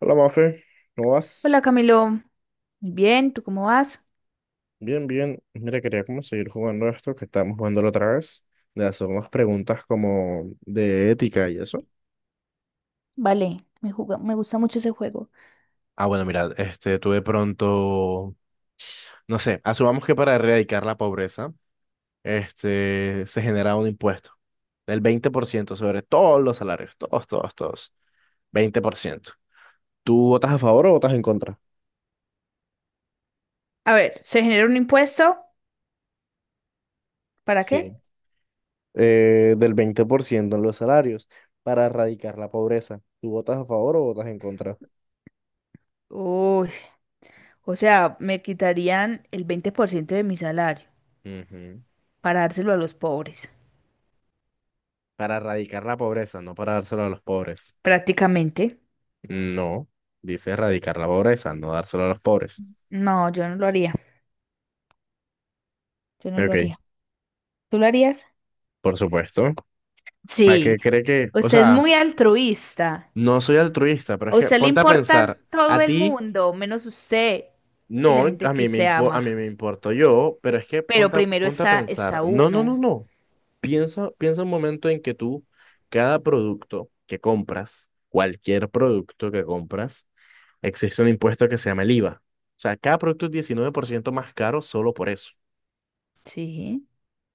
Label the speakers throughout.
Speaker 1: Hola, Mafe, ¿cómo vas?
Speaker 2: Hola Camilo, muy bien, ¿tú cómo vas?
Speaker 1: Bien, bien. Mira, quería como seguir jugando esto que estábamos jugando la otra vez, de hacer unas preguntas como de ética y eso.
Speaker 2: Vale, me gusta mucho ese juego.
Speaker 1: Ah, bueno, mira, tú de pronto, no sé, asumamos que para erradicar la pobreza, se genera un impuesto del 20% sobre todos los salarios, todos, todos, todos, 20%. ¿Tú votas a favor o votas en contra?
Speaker 2: A ver, ¿se genera un impuesto? ¿Para qué?
Speaker 1: Sí. Del 20% en los salarios para erradicar la pobreza. ¿Tú votas a favor o votas en contra?
Speaker 2: Uy, o sea, me quitarían el 20% de mi salario
Speaker 1: Ujú.
Speaker 2: para dárselo a los pobres,
Speaker 1: Para erradicar la pobreza, no para dárselo a los pobres.
Speaker 2: prácticamente.
Speaker 1: No, dice erradicar la pobreza, no dárselo a los pobres.
Speaker 2: No, yo no lo haría, yo no lo
Speaker 1: Ok,
Speaker 2: haría. ¿Tú lo harías?
Speaker 1: por supuesto. ¿A qué
Speaker 2: Sí,
Speaker 1: cree que? O
Speaker 2: usted es
Speaker 1: sea,
Speaker 2: muy altruista.
Speaker 1: no soy altruista, pero
Speaker 2: A
Speaker 1: es que
Speaker 2: usted le
Speaker 1: ponte a
Speaker 2: importa
Speaker 1: pensar,
Speaker 2: todo
Speaker 1: a
Speaker 2: el
Speaker 1: ti
Speaker 2: mundo, menos usted y la
Speaker 1: no,
Speaker 2: gente
Speaker 1: a
Speaker 2: que
Speaker 1: mí me
Speaker 2: usted
Speaker 1: impo- a mí
Speaker 2: ama.
Speaker 1: me importo yo, pero es que
Speaker 2: Pero
Speaker 1: ponte a,
Speaker 2: primero
Speaker 1: ponte a
Speaker 2: está,
Speaker 1: pensar,
Speaker 2: está
Speaker 1: no, no,
Speaker 2: uno.
Speaker 1: no, no. Piensa, piensa un momento en que tú, cada producto que compras, cualquier producto que compras, existe un impuesto que se llama el IVA. O sea, cada producto es 19% más caro solo por eso.
Speaker 2: Sí.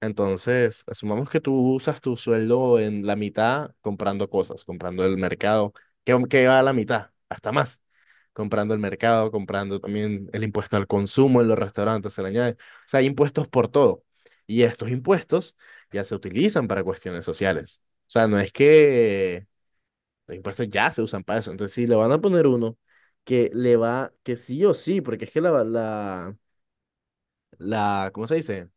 Speaker 1: Entonces, asumamos que tú usas tu sueldo en la mitad comprando cosas, comprando el mercado, que va a la mitad, hasta más, comprando el mercado, comprando también el impuesto al consumo en los restaurantes, se le añade. O sea, hay impuestos por todo. Y estos impuestos ya se utilizan para cuestiones sociales. O sea, no es que los impuestos ya se usan para eso. Entonces, si le van a poner uno que le va, que sí o sí, porque es que la, ¿cómo se dice?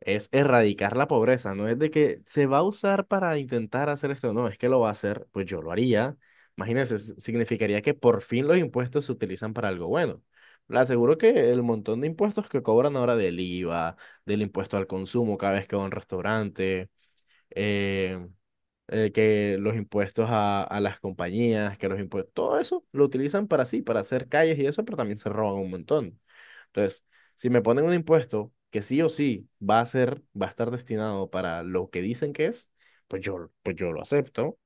Speaker 1: Es erradicar la pobreza, no es de que se va a usar para intentar hacer esto, no, es que lo va a hacer, pues yo lo haría. Imagínense, significaría que por fin los impuestos se utilizan para algo bueno. Le aseguro que el montón de impuestos que cobran ahora del IVA, del impuesto al consumo cada vez que va a un restaurante, eh, que los impuestos a las compañías, que los impuestos, todo eso lo utilizan para sí, para hacer calles y eso, pero también se roban un montón. Entonces, si me ponen un impuesto que sí o sí va a ser, va a estar destinado para lo que dicen que es, pues yo lo acepto.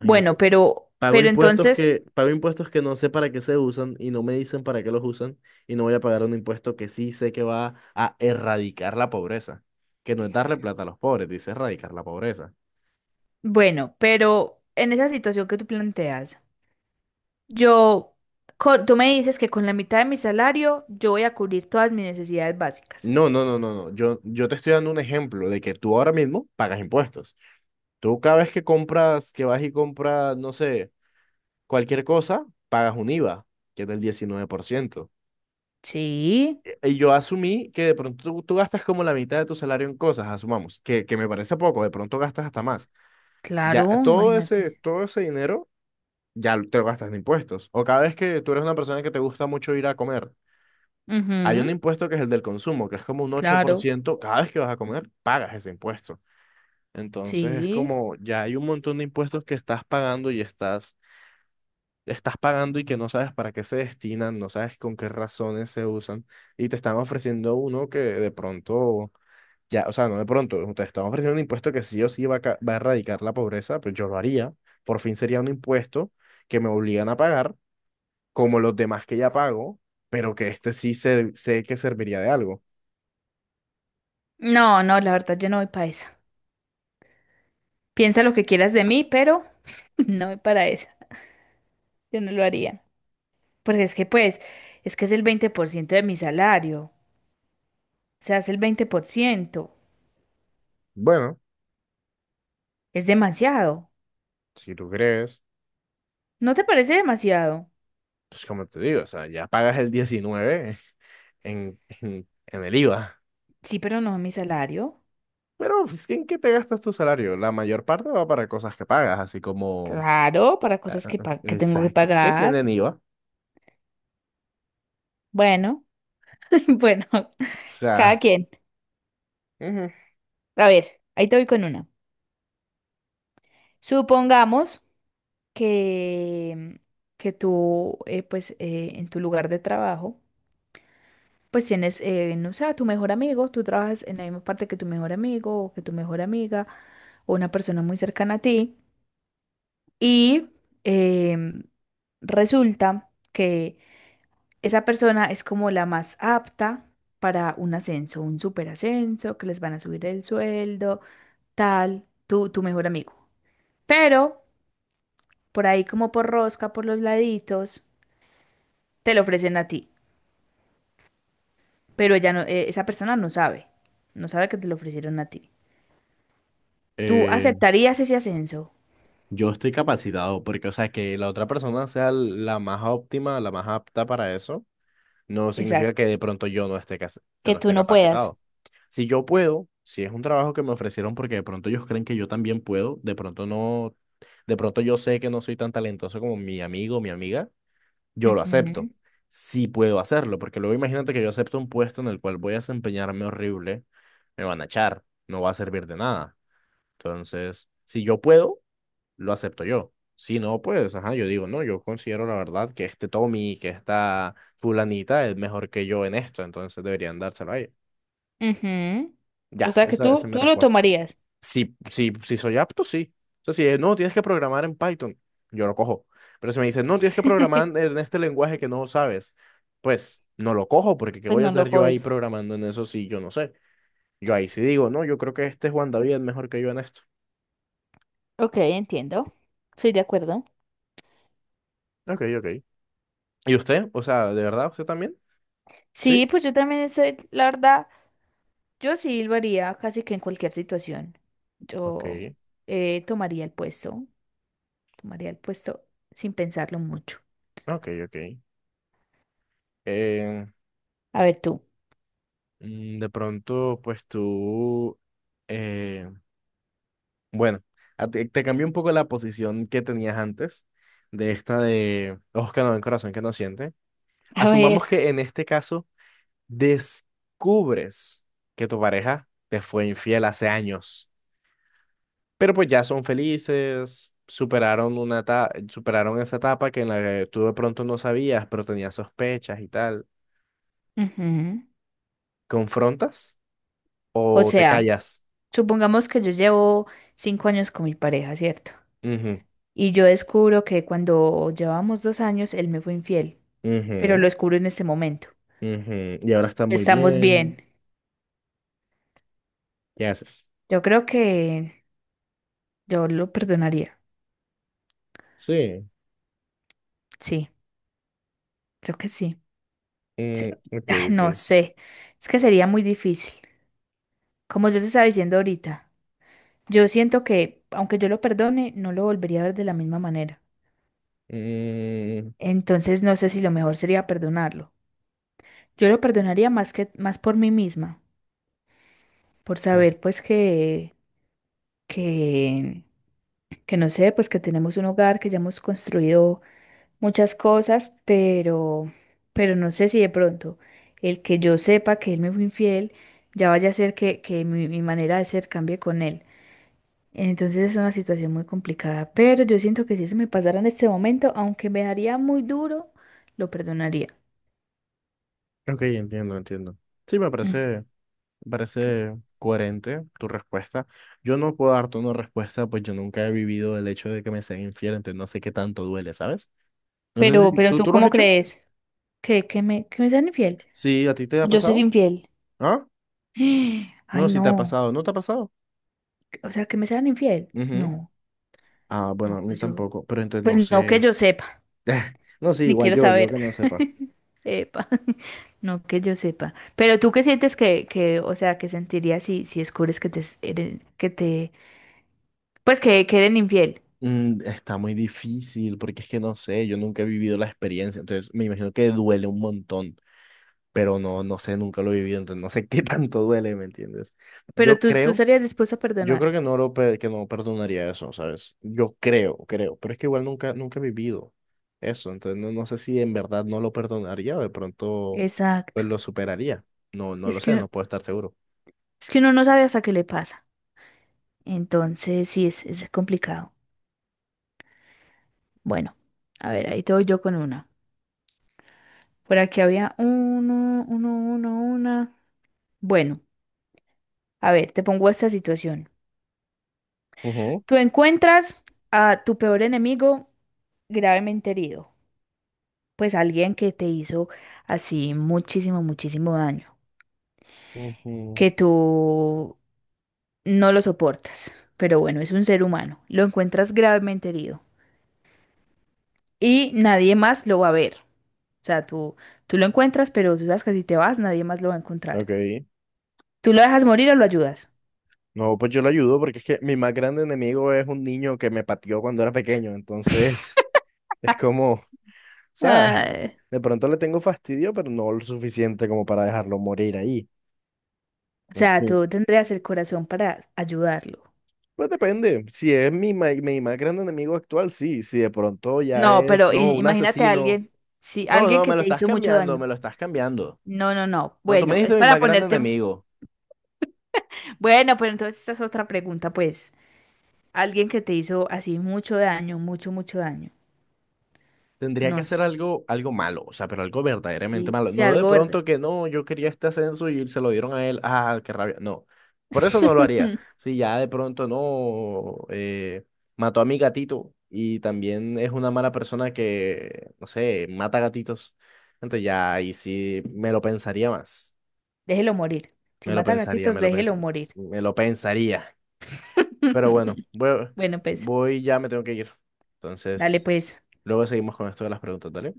Speaker 1: Imagínate.
Speaker 2: Bueno, pero,
Speaker 1: Pago
Speaker 2: pero
Speaker 1: impuestos
Speaker 2: entonces,
Speaker 1: que, pago impuestos que no sé para qué se usan y no me dicen para qué los usan y no voy a pagar un impuesto que sí sé que va a erradicar la pobreza, que no es darle plata a los pobres, dice erradicar la pobreza.
Speaker 2: bueno, pero en esa situación que tú planteas, yo, tú me dices que con la mitad de mi salario yo voy a cubrir todas mis necesidades básicas.
Speaker 1: No, no, no, no, no. Yo te estoy dando un ejemplo de que tú ahora mismo pagas impuestos. Tú cada vez que compras, que vas y compras, no sé, cualquier cosa, pagas un IVA, que es del 19%.
Speaker 2: Sí,
Speaker 1: Y yo asumí que de pronto tú gastas como la mitad de tu salario en cosas, asumamos, que me parece poco, de pronto gastas hasta más. Ya
Speaker 2: claro,
Speaker 1: todo ese,
Speaker 2: imagínate.
Speaker 1: todo ese dinero ya te lo gastas en impuestos. O cada vez que tú eres una persona que te gusta mucho ir a comer, hay un
Speaker 2: Ujú,
Speaker 1: impuesto que es el del consumo, que es como un ocho por
Speaker 2: claro,
Speaker 1: ciento. Cada vez que vas a comer, pagas ese impuesto. Entonces es
Speaker 2: sí.
Speaker 1: como ya hay un montón de impuestos que estás pagando y estás pagando y que no sabes para qué se destinan, no sabes con qué razones se usan y te están ofreciendo uno que de pronto, ya, o sea, no de pronto, te están ofreciendo un impuesto que sí o sí va a erradicar la pobreza, pues yo lo haría. Por fin sería un impuesto que me obligan a pagar como los demás que ya pago, pero que este sí sé que serviría de algo.
Speaker 2: No, no, la verdad yo no voy para esa. Piensa lo que quieras de mí, pero no voy para esa. Yo no lo haría. Porque es que pues, es que es el 20% de mi salario. O sea, es el 20%.
Speaker 1: Bueno,
Speaker 2: Es demasiado.
Speaker 1: si tú crees.
Speaker 2: ¿No te parece demasiado?
Speaker 1: Pues como te digo, o sea, ya pagas el 19 en el IVA.
Speaker 2: Sí, pero no a mi salario.
Speaker 1: Pero, pues, ¿en qué te gastas tu salario? La mayor parte va para cosas que pagas, así como.
Speaker 2: Claro, para cosas que, que tengo que
Speaker 1: Exacto. ¿Qué
Speaker 2: pagar.
Speaker 1: tienen IVA? O
Speaker 2: Bueno, bueno, cada
Speaker 1: sea,
Speaker 2: quien.
Speaker 1: ujú.
Speaker 2: A ver, ahí te voy con una. Supongamos que, que tú, pues, en tu lugar de trabajo, pues tienes, no sé, a tu mejor amigo, tú trabajas en la misma parte que tu mejor amigo o que tu mejor amiga o una persona muy cercana a ti y em, resulta que esa persona es como la más apta para un ascenso, un superascenso, que les van a subir el sueldo, tal, tu mejor amigo. Pero por ahí como por rosca, por los laditos, te lo ofrecen a ti. Pero ella no, esa persona no sabe, no sabe que te lo ofrecieron a ti. ¿Tú
Speaker 1: Eh,
Speaker 2: aceptarías ese ascenso?
Speaker 1: yo estoy capacitado porque, o sea, que la otra persona sea la más óptima, la más apta para eso, no significa que
Speaker 2: Exacto.
Speaker 1: de pronto yo no esté, cas- yo
Speaker 2: Que
Speaker 1: no
Speaker 2: tú
Speaker 1: esté
Speaker 2: no puedas.
Speaker 1: capacitado. Si yo puedo, si es un trabajo que me ofrecieron porque de pronto ellos creen que yo también puedo, de pronto no, de pronto yo sé que no soy tan talentoso como mi amigo o mi amiga, yo lo acepto.
Speaker 2: Ujú,
Speaker 1: Sí puedo hacerlo, porque luego imagínate que yo acepto un puesto en el cual voy a desempeñarme horrible, me van a echar, no va a servir de nada. Entonces, si yo puedo, lo acepto yo. Si no, pues, ajá, yo digo, no, yo considero la verdad que este Tommy, que esta fulanita es mejor que yo en esto, entonces deberían dárselo a ella.
Speaker 2: ujú. O
Speaker 1: Ya,
Speaker 2: sea que
Speaker 1: esa
Speaker 2: tú,
Speaker 1: es mi
Speaker 2: tú lo
Speaker 1: respuesta.
Speaker 2: tomarías.
Speaker 1: Si soy apto, sí. O sea, si es, no, tienes que programar en Python, yo lo cojo. Pero si me dicen, no, tienes que programar en este lenguaje que no sabes, pues no lo cojo, porque ¿qué
Speaker 2: Pues
Speaker 1: voy a
Speaker 2: no
Speaker 1: hacer
Speaker 2: lo
Speaker 1: yo ahí
Speaker 2: coges.
Speaker 1: programando en eso si yo no sé? Yo ahí sí digo, no, yo creo que este Juan David es mejor que yo en esto.
Speaker 2: Ok, entiendo. Estoy de acuerdo.
Speaker 1: Ok, ok. ¿Y usted? O sea, ¿de verdad usted también? Sí.
Speaker 2: Sí, pues yo también estoy, la verdad, yo sí silbaría casi que en cualquier situación. Yo
Speaker 1: Ok.
Speaker 2: eh, tomaría el puesto, tomaría el puesto sin pensarlo mucho.
Speaker 1: Ok, ok. Eh,
Speaker 2: A ver tú.
Speaker 1: de pronto, pues tú, eh, bueno, te cambió un poco la posición que tenías antes de esta de ojos que no ven, corazón que no siente.
Speaker 2: A ver,
Speaker 1: Asumamos que en este caso descubres que tu pareja te fue infiel hace años, pero pues ya son felices, superaron esa etapa que en la que tú de pronto no sabías, pero tenías sospechas y tal.
Speaker 2: ujú.
Speaker 1: ¿Confrontas
Speaker 2: O
Speaker 1: o te
Speaker 2: sea,
Speaker 1: callas?
Speaker 2: supongamos que yo llevo 5 años con mi pareja, ¿cierto? Y yo descubro que cuando llevábamos 2 años, él me fue infiel, pero lo
Speaker 1: Ujú,
Speaker 2: descubro en este momento.
Speaker 1: ujú. Y ahora está muy
Speaker 2: Estamos
Speaker 1: bien.
Speaker 2: bien.
Speaker 1: ¿Qué haces?
Speaker 2: Yo creo que yo lo perdonaría.
Speaker 1: Sí.
Speaker 2: Sí, creo que sí. Sí,
Speaker 1: Mm, ok,
Speaker 2: no
Speaker 1: ok.
Speaker 2: sé, es que sería muy difícil. Como yo te estaba diciendo ahorita, yo siento que aunque yo lo perdone, no lo volvería a ver de la misma manera.
Speaker 1: Mm,
Speaker 2: Entonces no sé si lo mejor sería perdonarlo. Yo lo perdonaría más que más por mí misma, por saber pues que que que no sé, pues que tenemos un hogar, que ya hemos construido muchas cosas, pero no sé si de pronto el que yo sepa que él me fue infiel ya vaya a hacer que que mi manera de ser cambie con él. Entonces es una situación muy complicada, pero yo siento que si eso me pasara en este momento, aunque me daría muy duro, lo perdonaría.
Speaker 1: ok, entiendo, entiendo. Sí, me
Speaker 2: Mm.
Speaker 1: parece, me parece coherente tu respuesta. Yo no puedo darte una respuesta, pues yo nunca he vivido el hecho de que me sean infiel, entonces no sé qué tanto duele, ¿sabes? No sé si
Speaker 2: Pero
Speaker 1: tú,
Speaker 2: ¿tú
Speaker 1: tú lo has
Speaker 2: cómo
Speaker 1: hecho.
Speaker 2: crees? ¿Que, que me sean infiel?
Speaker 1: Sí, ¿a ti te ha
Speaker 2: ¿O yo ser
Speaker 1: pasado?
Speaker 2: infiel?
Speaker 1: ¿Ah?
Speaker 2: Ay,
Speaker 1: No, si te ha
Speaker 2: no.
Speaker 1: pasado, ¿no te ha pasado?
Speaker 2: O sea, que me sean infiel.
Speaker 1: Ujú.
Speaker 2: No,
Speaker 1: Ah, bueno, a
Speaker 2: no,
Speaker 1: mí
Speaker 2: pues yo,
Speaker 1: tampoco, pero entonces
Speaker 2: pues
Speaker 1: no
Speaker 2: no que
Speaker 1: sé.
Speaker 2: yo sepa,
Speaker 1: No sé,
Speaker 2: ni
Speaker 1: igual
Speaker 2: quiero
Speaker 1: yo
Speaker 2: saber.
Speaker 1: que no sepa.
Speaker 2: Epa, no que yo sepa. Pero tú qué sientes que, o sea, que sentirías si, si descubres que te, pues que eres infiel.
Speaker 1: Está muy difícil porque es que no sé, yo nunca he vivido la experiencia, entonces me imagino que duele un montón, pero no sé, nunca lo he vivido, entonces no sé qué tanto duele, ¿me entiendes?
Speaker 2: Pero
Speaker 1: Yo
Speaker 2: tú
Speaker 1: creo,
Speaker 2: estarías dispuesto a
Speaker 1: yo creo
Speaker 2: perdonar.
Speaker 1: que que no perdonaría eso, ¿sabes? Yo creo, pero es que igual nunca, nunca he vivido eso, entonces no sé si en verdad no lo perdonaría o de pronto
Speaker 2: Exacto.
Speaker 1: pues lo superaría, no, no lo
Speaker 2: Es que
Speaker 1: sé, no
Speaker 2: uno,
Speaker 1: puedo estar seguro.
Speaker 2: es que uno no sabe hasta qué le pasa. Entonces, sí, es complicado. Bueno, a ver, ahí te voy yo con una. Por aquí había una. Bueno, a ver, te pongo esta situación.
Speaker 1: Ujú,
Speaker 2: Tú encuentras a tu peor enemigo gravemente herido. Pues alguien que te hizo así muchísimo, muchísimo daño.
Speaker 1: ujú.
Speaker 2: Que tú no lo soportas. Pero bueno, es un ser humano. Lo encuentras gravemente herido, y nadie más lo va a ver. O sea, tú lo encuentras, pero tú sabes que si te vas, nadie más lo va a encontrar.
Speaker 1: Ok.
Speaker 2: ¿Tú lo dejas morir o lo ayudas?
Speaker 1: No, pues yo lo ayudo porque es que mi más grande enemigo es un niño que me pateó cuando era pequeño, entonces es como, o sea,
Speaker 2: Ay,
Speaker 1: de pronto le tengo fastidio, pero no lo suficiente como para dejarlo morir ahí.
Speaker 2: o sea,
Speaker 1: Entonces,
Speaker 2: tú tendrías el corazón para ayudarlo.
Speaker 1: pues depende, si es mi más grande enemigo actual, sí, si de pronto ya
Speaker 2: No,
Speaker 1: es,
Speaker 2: pero
Speaker 1: no, un
Speaker 2: imagínate a
Speaker 1: asesino.
Speaker 2: alguien, sí,
Speaker 1: No,
Speaker 2: alguien
Speaker 1: no,
Speaker 2: que
Speaker 1: me lo
Speaker 2: te
Speaker 1: estás
Speaker 2: hizo mucho
Speaker 1: cambiando,
Speaker 2: daño.
Speaker 1: me lo estás cambiando.
Speaker 2: No, no, no.
Speaker 1: No, tú me
Speaker 2: Bueno,
Speaker 1: dijiste
Speaker 2: es
Speaker 1: mi
Speaker 2: para
Speaker 1: más grande
Speaker 2: ponerte.
Speaker 1: enemigo.
Speaker 2: Bueno, pero entonces esta es otra pregunta, pues. Alguien que te hizo así mucho daño, mucho, mucho daño.
Speaker 1: Tendría
Speaker 2: No,
Speaker 1: que hacer algo, algo malo, o sea, pero algo verdaderamente
Speaker 2: sí,
Speaker 1: malo.
Speaker 2: sí,
Speaker 1: No de
Speaker 2: algo
Speaker 1: pronto
Speaker 2: verde.
Speaker 1: que no, yo quería este ascenso y se lo dieron a él. Ah, qué rabia. No, por eso no lo haría. Si ya de pronto no, mató a mi gatito y también es una mala persona que, no sé, mata gatitos. Entonces ya ahí sí me lo pensaría más.
Speaker 2: Déjelo morir. Si
Speaker 1: Me lo
Speaker 2: mata
Speaker 1: pensaría,
Speaker 2: gatitos, déjelo morir.
Speaker 1: me lo pensaría. Pero bueno, voy,
Speaker 2: Bueno, pues,
Speaker 1: voy, ya me tengo que ir.
Speaker 2: dale
Speaker 1: Entonces,
Speaker 2: pues.
Speaker 1: luego seguimos con esto de las preguntas, ¿dale?